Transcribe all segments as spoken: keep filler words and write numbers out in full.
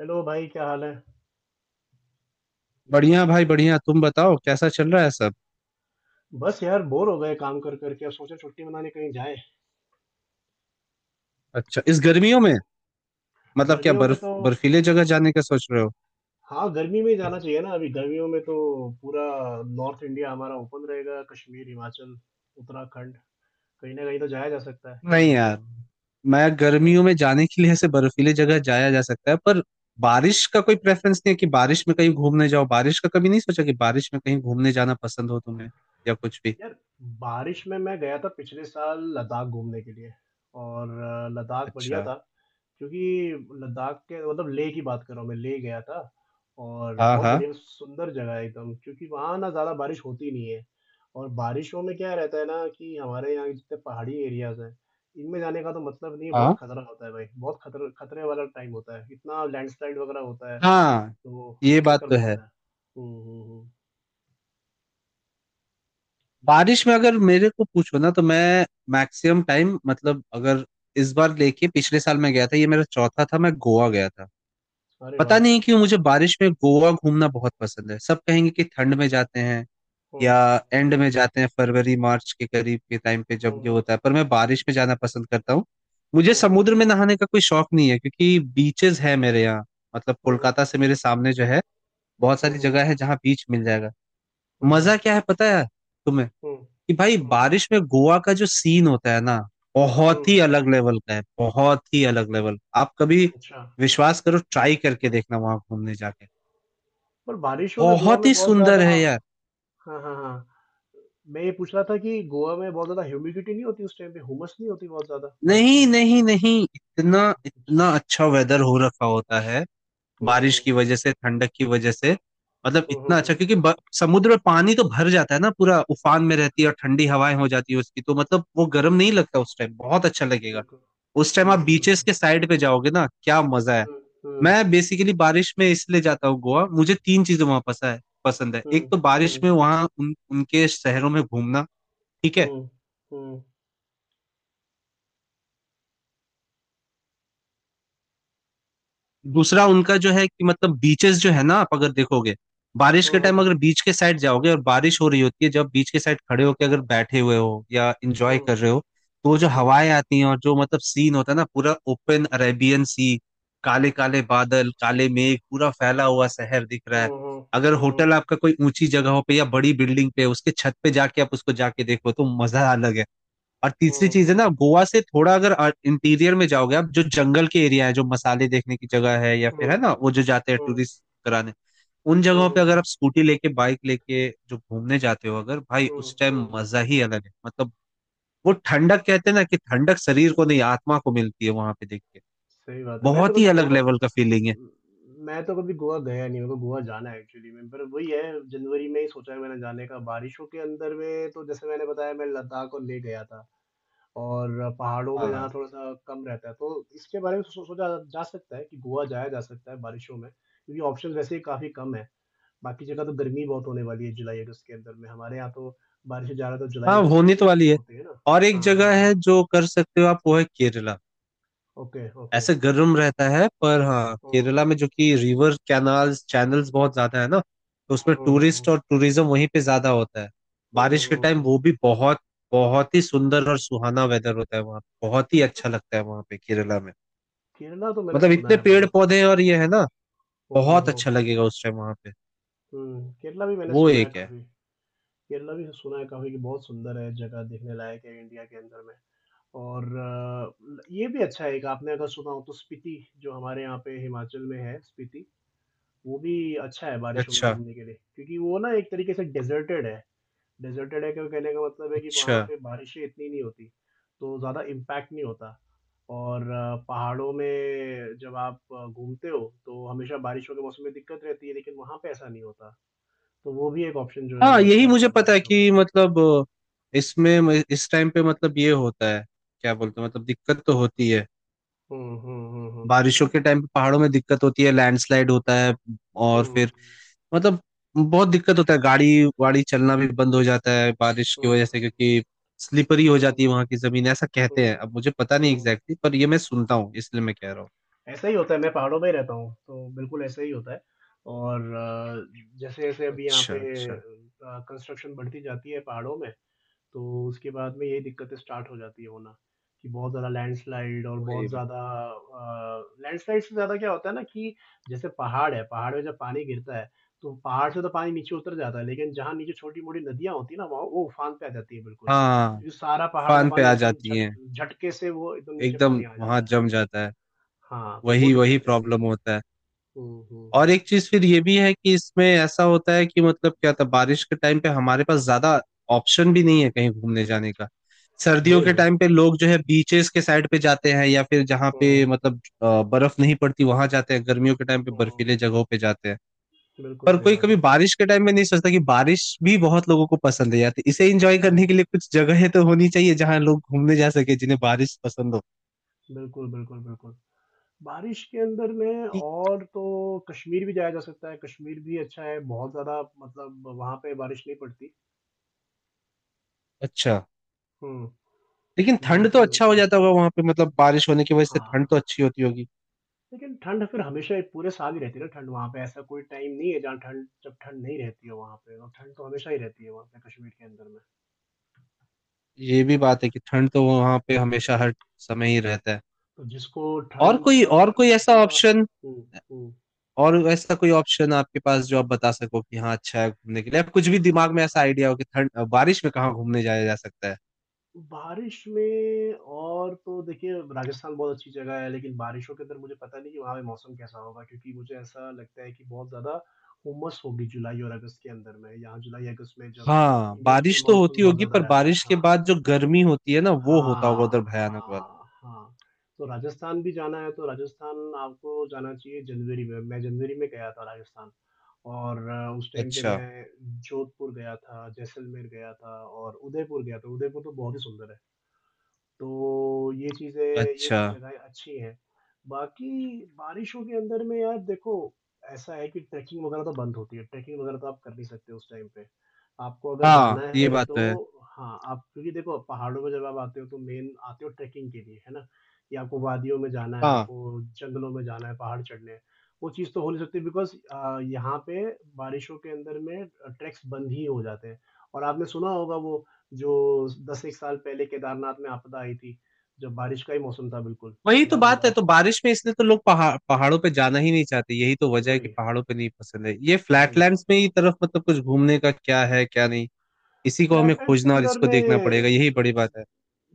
Hello भाई क्या हाल है। बढ़िया भाई बढ़िया, तुम बताओ कैसा चल रहा है सब। बस यार बोर हो गए काम कर करके, अब सोचे छुट्टी मनाने कहीं जाएं। अच्छा, इस गर्मियों में मतलब क्या गर्मियों में बर्फ तो बर्फीले जगह जाने का सोच रहे हो? हाँ, गर्मी में ही जाना चाहिए ना। अभी गर्मियों में तो पूरा नॉर्थ इंडिया हमारा ओपन रहेगा, कश्मीर, हिमाचल, उत्तराखंड, कहीं ना कहीं तो जाया जा सकता है। क्या नहीं बोलते यार, हो? मैं क्यों? गर्मियों में जाने के लिए ऐसे बर्फीले जगह जाया जा सकता है पर बारिश का कोई प्रेफरेंस नहीं है कि बारिश में कहीं घूमने जाओ। बारिश का कभी नहीं सोचा कि बारिश में कहीं घूमने जाना पसंद हो तुम्हें या कुछ भी। यार, बारिश में मैं गया था पिछले साल लद्दाख घूमने के लिए और अ, लद्दाख बढ़िया अच्छा। था। क्योंकि लद्दाख के मतलब लेह की बात कर रहा हूँ, मैं लेह गया था और हाँ बहुत हाँ बढ़िया सुंदर जगह है एकदम, क्योंकि वहाँ ना ज़्यादा बारिश होती नहीं है। और बारिशों में क्या रहता है ना कि हमारे यहाँ जितने पहाड़ी एरियाज हैं, इनमें जाने का तो मतलब नहीं है। बहुत हाँ खतरा होता है भाई, बहुत खतरे खतरे वाला टाइम होता है, इतना लैंडस्लाइड वगैरह होता है। हाँ। तो ये ये बात चक्कर तो है। बहुत है। हम्म हम्म हम्म। बारिश में अगर मेरे को पूछो ना तो मैं मैक्सिमम टाइम मतलब अगर इस बार लेके पिछले साल मैं गया था, ये मेरा चौथा था, मैं गोवा गया था। अरे पता वाह। नहीं क्यों मुझे बारिश में गोवा घूमना बहुत पसंद है। सब कहेंगे कि ठंड में जाते हैं हम्म या एंड में जाते हैं, फरवरी मार्च के करीब के टाइम पे जब ये हम्म होता है, पर मैं बारिश में जाना पसंद करता हूँ। मुझे हम्म समुद्र में नहाने का कोई शौक नहीं है क्योंकि बीचेस है मेरे यहाँ, मतलब हम्म कोलकाता से मेरे सामने जो है बहुत हम्म सारी हम्म जगह है जहाँ बीच मिल जाएगा। हम्म हम्म मजा क्या है पता है तुम्हें हम्म कि भाई हम्म बारिश में गोवा का जो सीन होता है ना बहुत हम्म, ही अलग लेवल का है। बहुत ही अलग लेवल। आप कभी अच्छा। विश्वास करो, ट्राई करके देखना वहां घूमने जाके, पर बारिशों में गोवा बहुत में ही बहुत सुंदर ज्यादा। है यार। हाँ हाँ हाँ, मैं ये पूछ रहा था कि गोवा में बहुत ज्यादा ह्यूमिडिटी नहीं होती उस टाइम पे? हुमस नहीं होती बहुत ज्यादा बारिशों नहीं में? नहीं नहीं, इतना अच्छा। इतना अच्छा वेदर हो रखा होता है बारिश की हम्म वजह से, ठंडक की वजह से, मतलब हम्म हम्म हम्म, इतना हम्म, अच्छा हम्म। क्योंकि ब- समुद्र में पानी तो भर जाता है ना, पूरा उफान में रहती है और ठंडी हवाएं हो जाती है उसकी, तो मतलब वो गर्म नहीं लगता उस टाइम, बहुत अच्छा लगेगा। बिल्कुल। उस टाइम आप बिल्कुल बीचेस बिल्कुल। के साइड पे जाओगे ना, क्या मजा है। हम्म मैं बेसिकली बारिश में इसलिए जाता हूँ गोवा, मुझे तीन चीजें वहां पसंद है पसंद है। एक हम्म तो बारिश हम्म में वहां उन उनके शहरों में घूमना, ठीक है। हम्म हम्म दूसरा उनका जो है कि मतलब बीचेस जो है ना आप अगर देखोगे बारिश के टाइम अगर बीच के साइड जाओगे और बारिश हो रही होती है, जब बीच के साइड खड़े होके अगर बैठे हुए हो या इंजॉय हम्म कर रहे हो, तो जो हम्म हम्म हम्म हवाएं आती हैं और जो मतलब सीन होता है ना, पूरा ओपन अरेबियन सी, काले काले बादल, काले मेघ, पूरा फैला हुआ शहर दिख रहा है। अगर हम्म हम्म होटल आपका कोई ऊंची जगहों पे या बड़ी बिल्डिंग पे उसके छत पे जाके आप उसको जाके देखो तो मजा अलग है। और हम्म तीसरी हम्म हम्म चीज है हम्म ना, हम्म गोवा से थोड़ा अगर इंटीरियर में जाओगे आप, जो जंगल के एरिया है, जो मसाले देखने की जगह है या फिर है हम्म ना वो जो जाते हैं टूरिस्ट कराने, उन जगहों पे हम्म अगर आप स्कूटी लेके बाइक लेके जो घूमने जाते हो, अगर भाई हम्म उस टाइम हम्म। मजा ही अलग है मतलब। वो ठंडक कहते हैं ना कि ठंडक शरीर को नहीं आत्मा को मिलती है वहां पे देख के, सही बात है। मैं तो बहुत ही कभी अलग गोवा लेवल का फीलिंग है। उम, मैं तो कभी गोवा गया नहीं, मेरे को गोवा जाना है एक्चुअली में, पर वही है, जनवरी में ही सोचा है मैंने जाने का। बारिशों के अंदर में तो जैसे मैंने बताया, मैं लद्दाख और लेह गया था, और पहाड़ों में जाना हाँ थोड़ा-सा कम रहता है, तो इसके बारे में सो सोचा जा सकता है कि गोवा जाया जा सकता है बारिशों में, क्योंकि ऑप्शंस वैसे ही काफ़ी कम हैं। बाकी जगह तो गर्मी बहुत होने वाली है जुलाई-अगस्त के अंदर में, हमारे यहाँ तो बारिशें ज़्यादा तो हाँ, जुलाई-अगस्त होने में तो ही वाली है। होती है ना? और एक हाँ, हाँ, जगह हाँ। है जो कर सकते हो आप, वो है केरला। Okay, okay. ऐसे गर्म रहता है पर हाँ हुँ। केरला में जो कि रिवर कैनाल्स चैनल्स बहुत ज्यादा है ना, तो हुँ, उसमें हुँ, हुँ, टूरिस्ट हुँ। और टूरिज्म वहीं पे ज्यादा होता है। हुँ, बारिश के हुँ, टाइम हुँ। वो भी बहुत बहुत ही सुंदर और सुहाना वेदर होता है वहाँ, बहुत ही अच्छा लगता है वहाँ पे केरला में, केरला तो मैंने मतलब सुना इतने है पेड़ बहुत। पौधे हैं और ये है ना, हम्म बहुत हम्म अच्छा लगेगा उस टाइम वहाँ पे। हम्म, केरला भी मैंने वो सुना है एक है। काफी। केरला भी सुना है काफी कि बहुत सुंदर है, जगह देखने लायक है इंडिया के अंदर में। और अ, ये भी अच्छा है एक, आपने अगर सुना हो तो स्पीति, जो हमारे यहाँ पे हिमाचल में है, स्पीति वो भी अच्छा है बारिशों में अच्छा घूमने के लिए, क्योंकि वो ना एक तरीके से डेजर्टेड है। डेज़र्टेड है क्यों कहने का मतलब है कि अच्छा। वहाँ पे बारिशें इतनी नहीं होती, तो ज़्यादा इम्पैक्ट नहीं होता। और अ, पहाड़ों में जब आप अ, घूमते हो, तो हमेशा बारिशों के मौसम में दिक्कत रहती है, लेकिन वहाँ पे ऐसा नहीं होता। तो वो भी एक ऑप्शन जो है हाँ वो अच्छा यही रहता मुझे है पता है बारिशों में। कि मतलब इसमें इस टाइम पे मतलब ये होता है, क्या बोलते हैं, मतलब दिक्कत तो होती है, हुँ, हुँ, हुँ, हुँ। बारिशों के टाइम पे पहाड़ों में दिक्कत होती है, लैंडस्लाइड होता है और हुँ, फिर मतलब बहुत दिक्कत होता है, गाड़ी वाड़ी चलना भी बंद हो जाता है बारिश की हुँ, वजह से क्योंकि स्लिपरी हो जाती हुँ, है वहां की जमीन, ऐसा कहते हैं, हुँ, अब मुझे पता नहीं हुँ। एग्जैक्टली पर ये मैं सुनता हूँ इसलिए मैं कह रहा हूँ। ऐसा ही होता है, मैं पहाड़ों में ही रहता हूँ, तो बिल्कुल ऐसा ही होता है। और जैसे-जैसे अभी यहाँ अच्छा पे अच्छा। अ, कंस्ट्रक्शन बढ़ती जाती है पहाड़ों में, तो उसके बाद में यही दिक्कतें स्टार्ट हो जाती है होना, कि बहुत ज़्यादा लैंडस्लाइड और वही बहुत बात। ज़्यादा अ, लैंडस्लाइड से ज़्यादा क्या होता है ना कि जैसे पहाड़ है, पहाड़ में जब पानी गिरता है, तो पहाड़ से तो पानी नीचे उतर जाता है, लेकिन जहाँ नीचे छोटी-मोटी नदियाँ होती हैं ना, वहाँ वो उफान पे आ जाती है बिल्कुल, हाँ क्योंकि सारा पहाड़ का फान पे पानी आ एकदम जाती झट है, झटके से वो एकदम नीचे एकदम पानी आ वहां जाता है। जम जाता है। हाँ, तो वो वही वही दिक्कत रहती है। प्रॉब्लम होता है। हुँ, हुँ, और हुँ। एक चीज फिर ये भी है कि इसमें ऐसा होता है कि मतलब क्या था, बारिश के टाइम पे हमारे पास ज्यादा ऑप्शन भी नहीं है कहीं घूमने जाने का। सर्दियों वही के ना। टाइम पे लोग जो है बीचेस के साइड पे जाते हैं या फिर जहाँ पे हुँ, मतलब अ, बर्फ नहीं पड़ती वहां जाते हैं, गर्मियों के टाइम पे हुँ। बर्फीले जगहों पे जाते हैं। बिल्कुल पर सही कोई बात कभी है। बारिश के टाइम में नहीं सोचता कि बारिश भी बहुत लोगों को पसंद है यार, तो इसे एंजॉय करने हुँ। के लिए कुछ जगहें तो होनी चाहिए जहाँ लोग घूमने जा सके जिन्हें बारिश पसंद हो। बिल्कुल, बिल्कुल, बिल्कुल। बारिश के अंदर में ठीक। और तो कश्मीर भी जाया जा सकता है। कश्मीर भी अच्छा है, बहुत ज़्यादा मतलब वहाँ पे बारिश नहीं पड़ती। अच्छा। हम्म, लेकिन ठंड तो मानसून है अच्छा हो इतना। जाता होगा वहां पे मतलब, बारिश होने की वजह से हाँ ठंड हाँ। तो अच्छी होती होगी। लेकिन ठंड फिर हमेशा पूरे साल ही रहती है ना, ठंड वहाँ पे, ऐसा कोई टाइम नहीं है जहाँ ठंड, जब ठंड नहीं रहती है वहाँ पे, और ठंड तो हमेशा ही रहती है वहाँ पे कश्मीर के अंदर में। ये भी बात है कि ठंड तो वहां पे हमेशा हर समय ही रहता है। तो जिसको और ठंड कोई का और कोई ऐसा मौसम का। ऑप्शन, हम्म हम्म। और ऐसा कोई ऑप्शन आपके पास जो आप बता सको कि हाँ अच्छा है घूमने के लिए, आप कुछ भी दिमाग में ऐसा आइडिया हो कि ठंड बारिश में कहाँ घूमने जाया जा सकता है? बारिश में और तो देखिए राजस्थान बहुत अच्छी जगह है, लेकिन बारिशों के अंदर मुझे पता नहीं कि वहाँ पे मौसम कैसा होगा, क्योंकि मुझे ऐसा लगता है कि बहुत ज़्यादा हुमस होगी जुलाई और अगस्त के अंदर में। यहाँ जुलाई अगस्त में जब हाँ इंडिया पे बारिश तो मानसून होती बहुत होगी ज़्यादा पर रहता है। बारिश के हाँ, बाद जो गर्मी होती है ना वो होता होगा उधर, हाँ भयानक वाला। हाँ हाँ। तो राजस्थान भी जाना है तो राजस्थान आपको जाना चाहिए जनवरी में। मैं जनवरी में गया था राजस्थान, और अ, उस टाइम पे अच्छा मैं जोधपुर गया था, जैसलमेर गया था, और उदयपुर गया था। उदयपुर तो बहुत ही सुंदर है। तो ये चीज़ें, ये अच्छा। जगह अच्छी हैं। बाकी बारिशों के अंदर में यार देखो, ऐसा है कि ट्रैकिंग वगैरह तो बंद होती है। ट्रैकिंग वगैरह तो आप कर नहीं सकते उस टाइम पे। आपको अगर हाँ जाना ये है बात तो तो है। हाँ, आप क्योंकि देखो पहाड़ों में जब आप आते हो तो मेन आते हो ट्रैकिंग के लिए, है ना? कि आपको वादियों में जाना है, हाँ आपको जंगलों में जाना है, पहाड़ चढ़ने हैं। वो चीज़ तो हो नहीं सकती बिकॉज़ अ, यहाँ पे बारिशों के अंदर में अ, ट्रैक्स बंद ही हो जाते हैं। और आपने सुना होगा वो जो दस एक साल पहले केदारनाथ में आपदा आई थी, जब बारिश का ही मौसम था बिल्कुल, वही तो याद बात होगा है, तो आपको। बारिश में इसलिए तो लोग पहाड़ पहाड़ों पे जाना ही नहीं चाहते, यही तो तो वजह है कि वही, पहाड़ों पे नहीं पसंद है, ये वही। फ्लैटलैंड्स में ही तरफ मतलब कुछ घूमने का क्या है क्या नहीं। इसी को हमें फ्लैटलैंड्स के खोजना और अंदर इसको देखना पड़ेगा, में यही बड़ी बात है।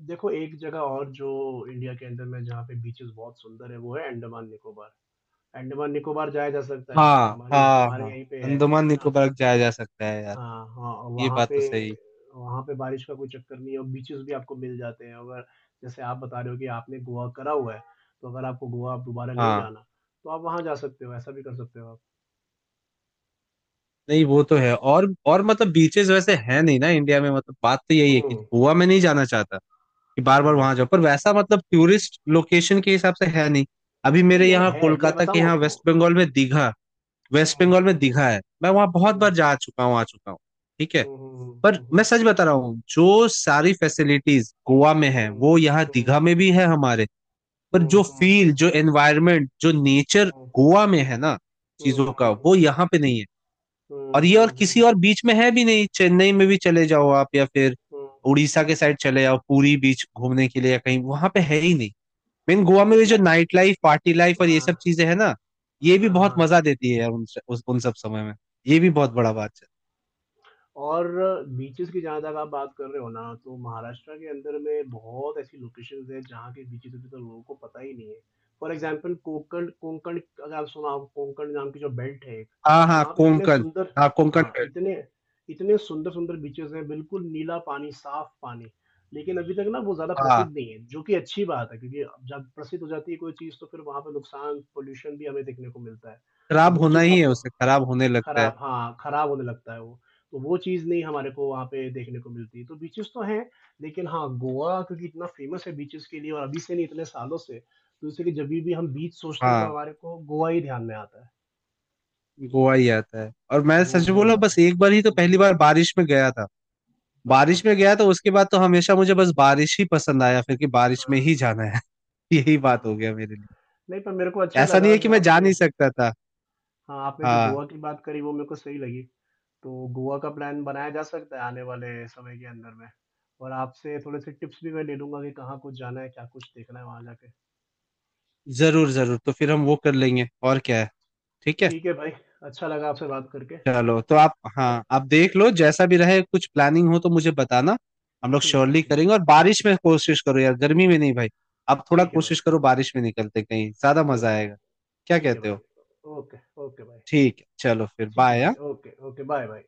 देखो एक जगह और जो इंडिया के अंदर में जहाँ पे बीचेस बहुत सुंदर है, वो है अंडमान निकोबार। अंडमान निकोबार जाया जा सकता है, हाँ हमारे हाँ हमारे हाँ। यहीं पे है, अंडमान है ना? निकोबार जाया जा सकता है यार। हाँ, हाँ, ये वहाँ बात पे तो सही। वहाँ पे बारिश का कोई चक्कर नहीं है और बीचेज़ भी आपको मिल जाते हैं। अगर जैसे आप बता रहे हो कि आपने गोवा करा हुआ है, तो अगर आपको गोवा अब दोबारा नहीं हाँ। जाना, तो आप वहाँ जा सकते हो, ऐसा भी कर सकते हो आप। नहीं वो तो है, और और मतलब बीचेस वैसे है नहीं ना इंडिया में, मतलब बात तो यही है कि हुँ, गोवा में नहीं जाना चाहता कि बार बार हुँ। वहां जाओ, पर वैसा मतलब टूरिस्ट लोकेशन के हिसाब से है नहीं। अभी मेरे नहीं यहाँ यहाँ है, मैं कोलकाता के बताऊँ यहाँ आपको? वेस्ट बंगाल में दीघा, वेस्ट हुँ, बंगाल में हुँ, दिखा है, मैं वहां बहुत हुँ। बार जा चुका हूँ आ चुका हूँ, ठीक है। हुँ, हुँ, हुँ, पर हुँ, मैं हुँ। सच बता रहा हूँ, जो सारी फैसिलिटीज गोवा में है हुँ, वो यहाँ हुँ, दीघा में भी है हमारे, हुँ, पर जो हुँ, हुँ, फील, हुँ। जो एनवायरनमेंट, जो नेचर हुँ, गोवा में है ना हुँ, हुँ, चीजों का, वो हुँ। यहाँ पे नहीं है। हुँ, और ये और हुँ, किसी हुँ, और बीच में है भी नहीं, चेन्नई में भी चले जाओ आप या फिर हुँ। उड़ीसा के साइड चले जाओ पूरी बीच घूमने के लिए, या कहीं वहां पे है ही नहीं। मेन गोवा में मैं ये जो मैं नाइट लाइफ पार्टी लाइफ और ये सब हाँ, चीजें है ना, ये भी हाँ, बहुत हाँ। मजा देती है यार उन उस, उन सब समय में, ये भी बहुत बड़ा बात है। और बीचेज़ की जहाँ तक आप बात कर रहे हो ना, तो महाराष्ट्र के अंदर में बहुत ऐसी लोकेशंस हैं, जहाँ के बीचेज़ अभी तो लोगों को पता ही नहीं है। फॉर एग्ज़ाम्पल कोंकण, कोंकण अगर आप सुना हो, कोंकण नाम की जो बेल्ट है एक, हाँ हाँ वहाँ पे इतने कोंकण। सुंदर, हाँ कोंकण हाँ, बेल्ट। इतने इतने सुंदर-सुंदर बीचेज़ हैं, बिल्कुल नीला पानी, साफ पानी। लेकिन अभी तक ना वो ज़्यादा प्रसिद्ध हाँ नहीं है, जो कि अच्छी बात है, क्योंकि अब जब प्रसिद्ध हो जाती है कोई चीज़, तो फिर वहाँ पे नुकसान, पॉल्यूशन भी हमें देखने को मिलता है। तो खराब वो होना चीज़ ही है, आपको उसे खराब होने लगता है। खराब, हाँ, खराब होने लगता है वो। तो वो चीज़ नहीं हमारे को वहाँ पे देखने को मिलती। तो बीचेज़ तो हैं, लेकिन हाँ, गोवा क्योंकि इतना फ़ेमस है बीचेज़ के लिए और अभी से नहीं इतने सालों से, तो इसलिए जभी भी हम बीच सोचते हैं तो हाँ हमारे को गोवा ही ध्यान में आता है। गोवा ही आता है, और मैं वो सच वो बोला बात है। बस एक बार ही तो, हुँ, हुँ, पहली बार बारिश में गया था। हुँ। अच्छा, बारिश में गया तो उसके बाद तो हमेशा मुझे बस बारिश ही पसंद आया फिर, कि बारिश हाँ, में ही जाना है। यही बात हो हाँ। गया मेरे लिए। नहीं पर मेरे को अच्छा ऐसा नहीं लगा है कि जो मैं जा आपने, नहीं सकता था। हाँ, आपने जो हाँ, गोवा की बात करी वो मेरे को सही लगी। तो गोवा का प्लान बनाया जा सकता है आने वाले समय के अंदर में। और आपसे थोड़े-से टिप्स भी मैं ले लूँगा कि कहाँ कुछ जाना है, क्या कुछ देखना है वहाँ जाके। है जरूर जरूर, तो फिर हम ना? वो कर लेंगे और क्या है। ठीक है, ठीक है भाई, अच्छा लगा आपसे बात करके, है चलो तो आप, ना। हाँ आप देख लो जैसा भी रहे, कुछ प्लानिंग हो तो मुझे बताना, हम लोग ठीक है, श्योरली ठीक करेंगे, और है। बारिश में कोशिश करो यार गर्मी में नहीं भाई। आप थोड़ा ठीक है भाई, कोशिश करो ठीक। बारिश में निकलते कहीं ज्यादा मजा ओके। आएगा। क्या ठीक है कहते हो? भाई। ओके ओके भाई। ठीक है, चलो फिर ठीक है भाई। Bye. Okay okay, bye bye.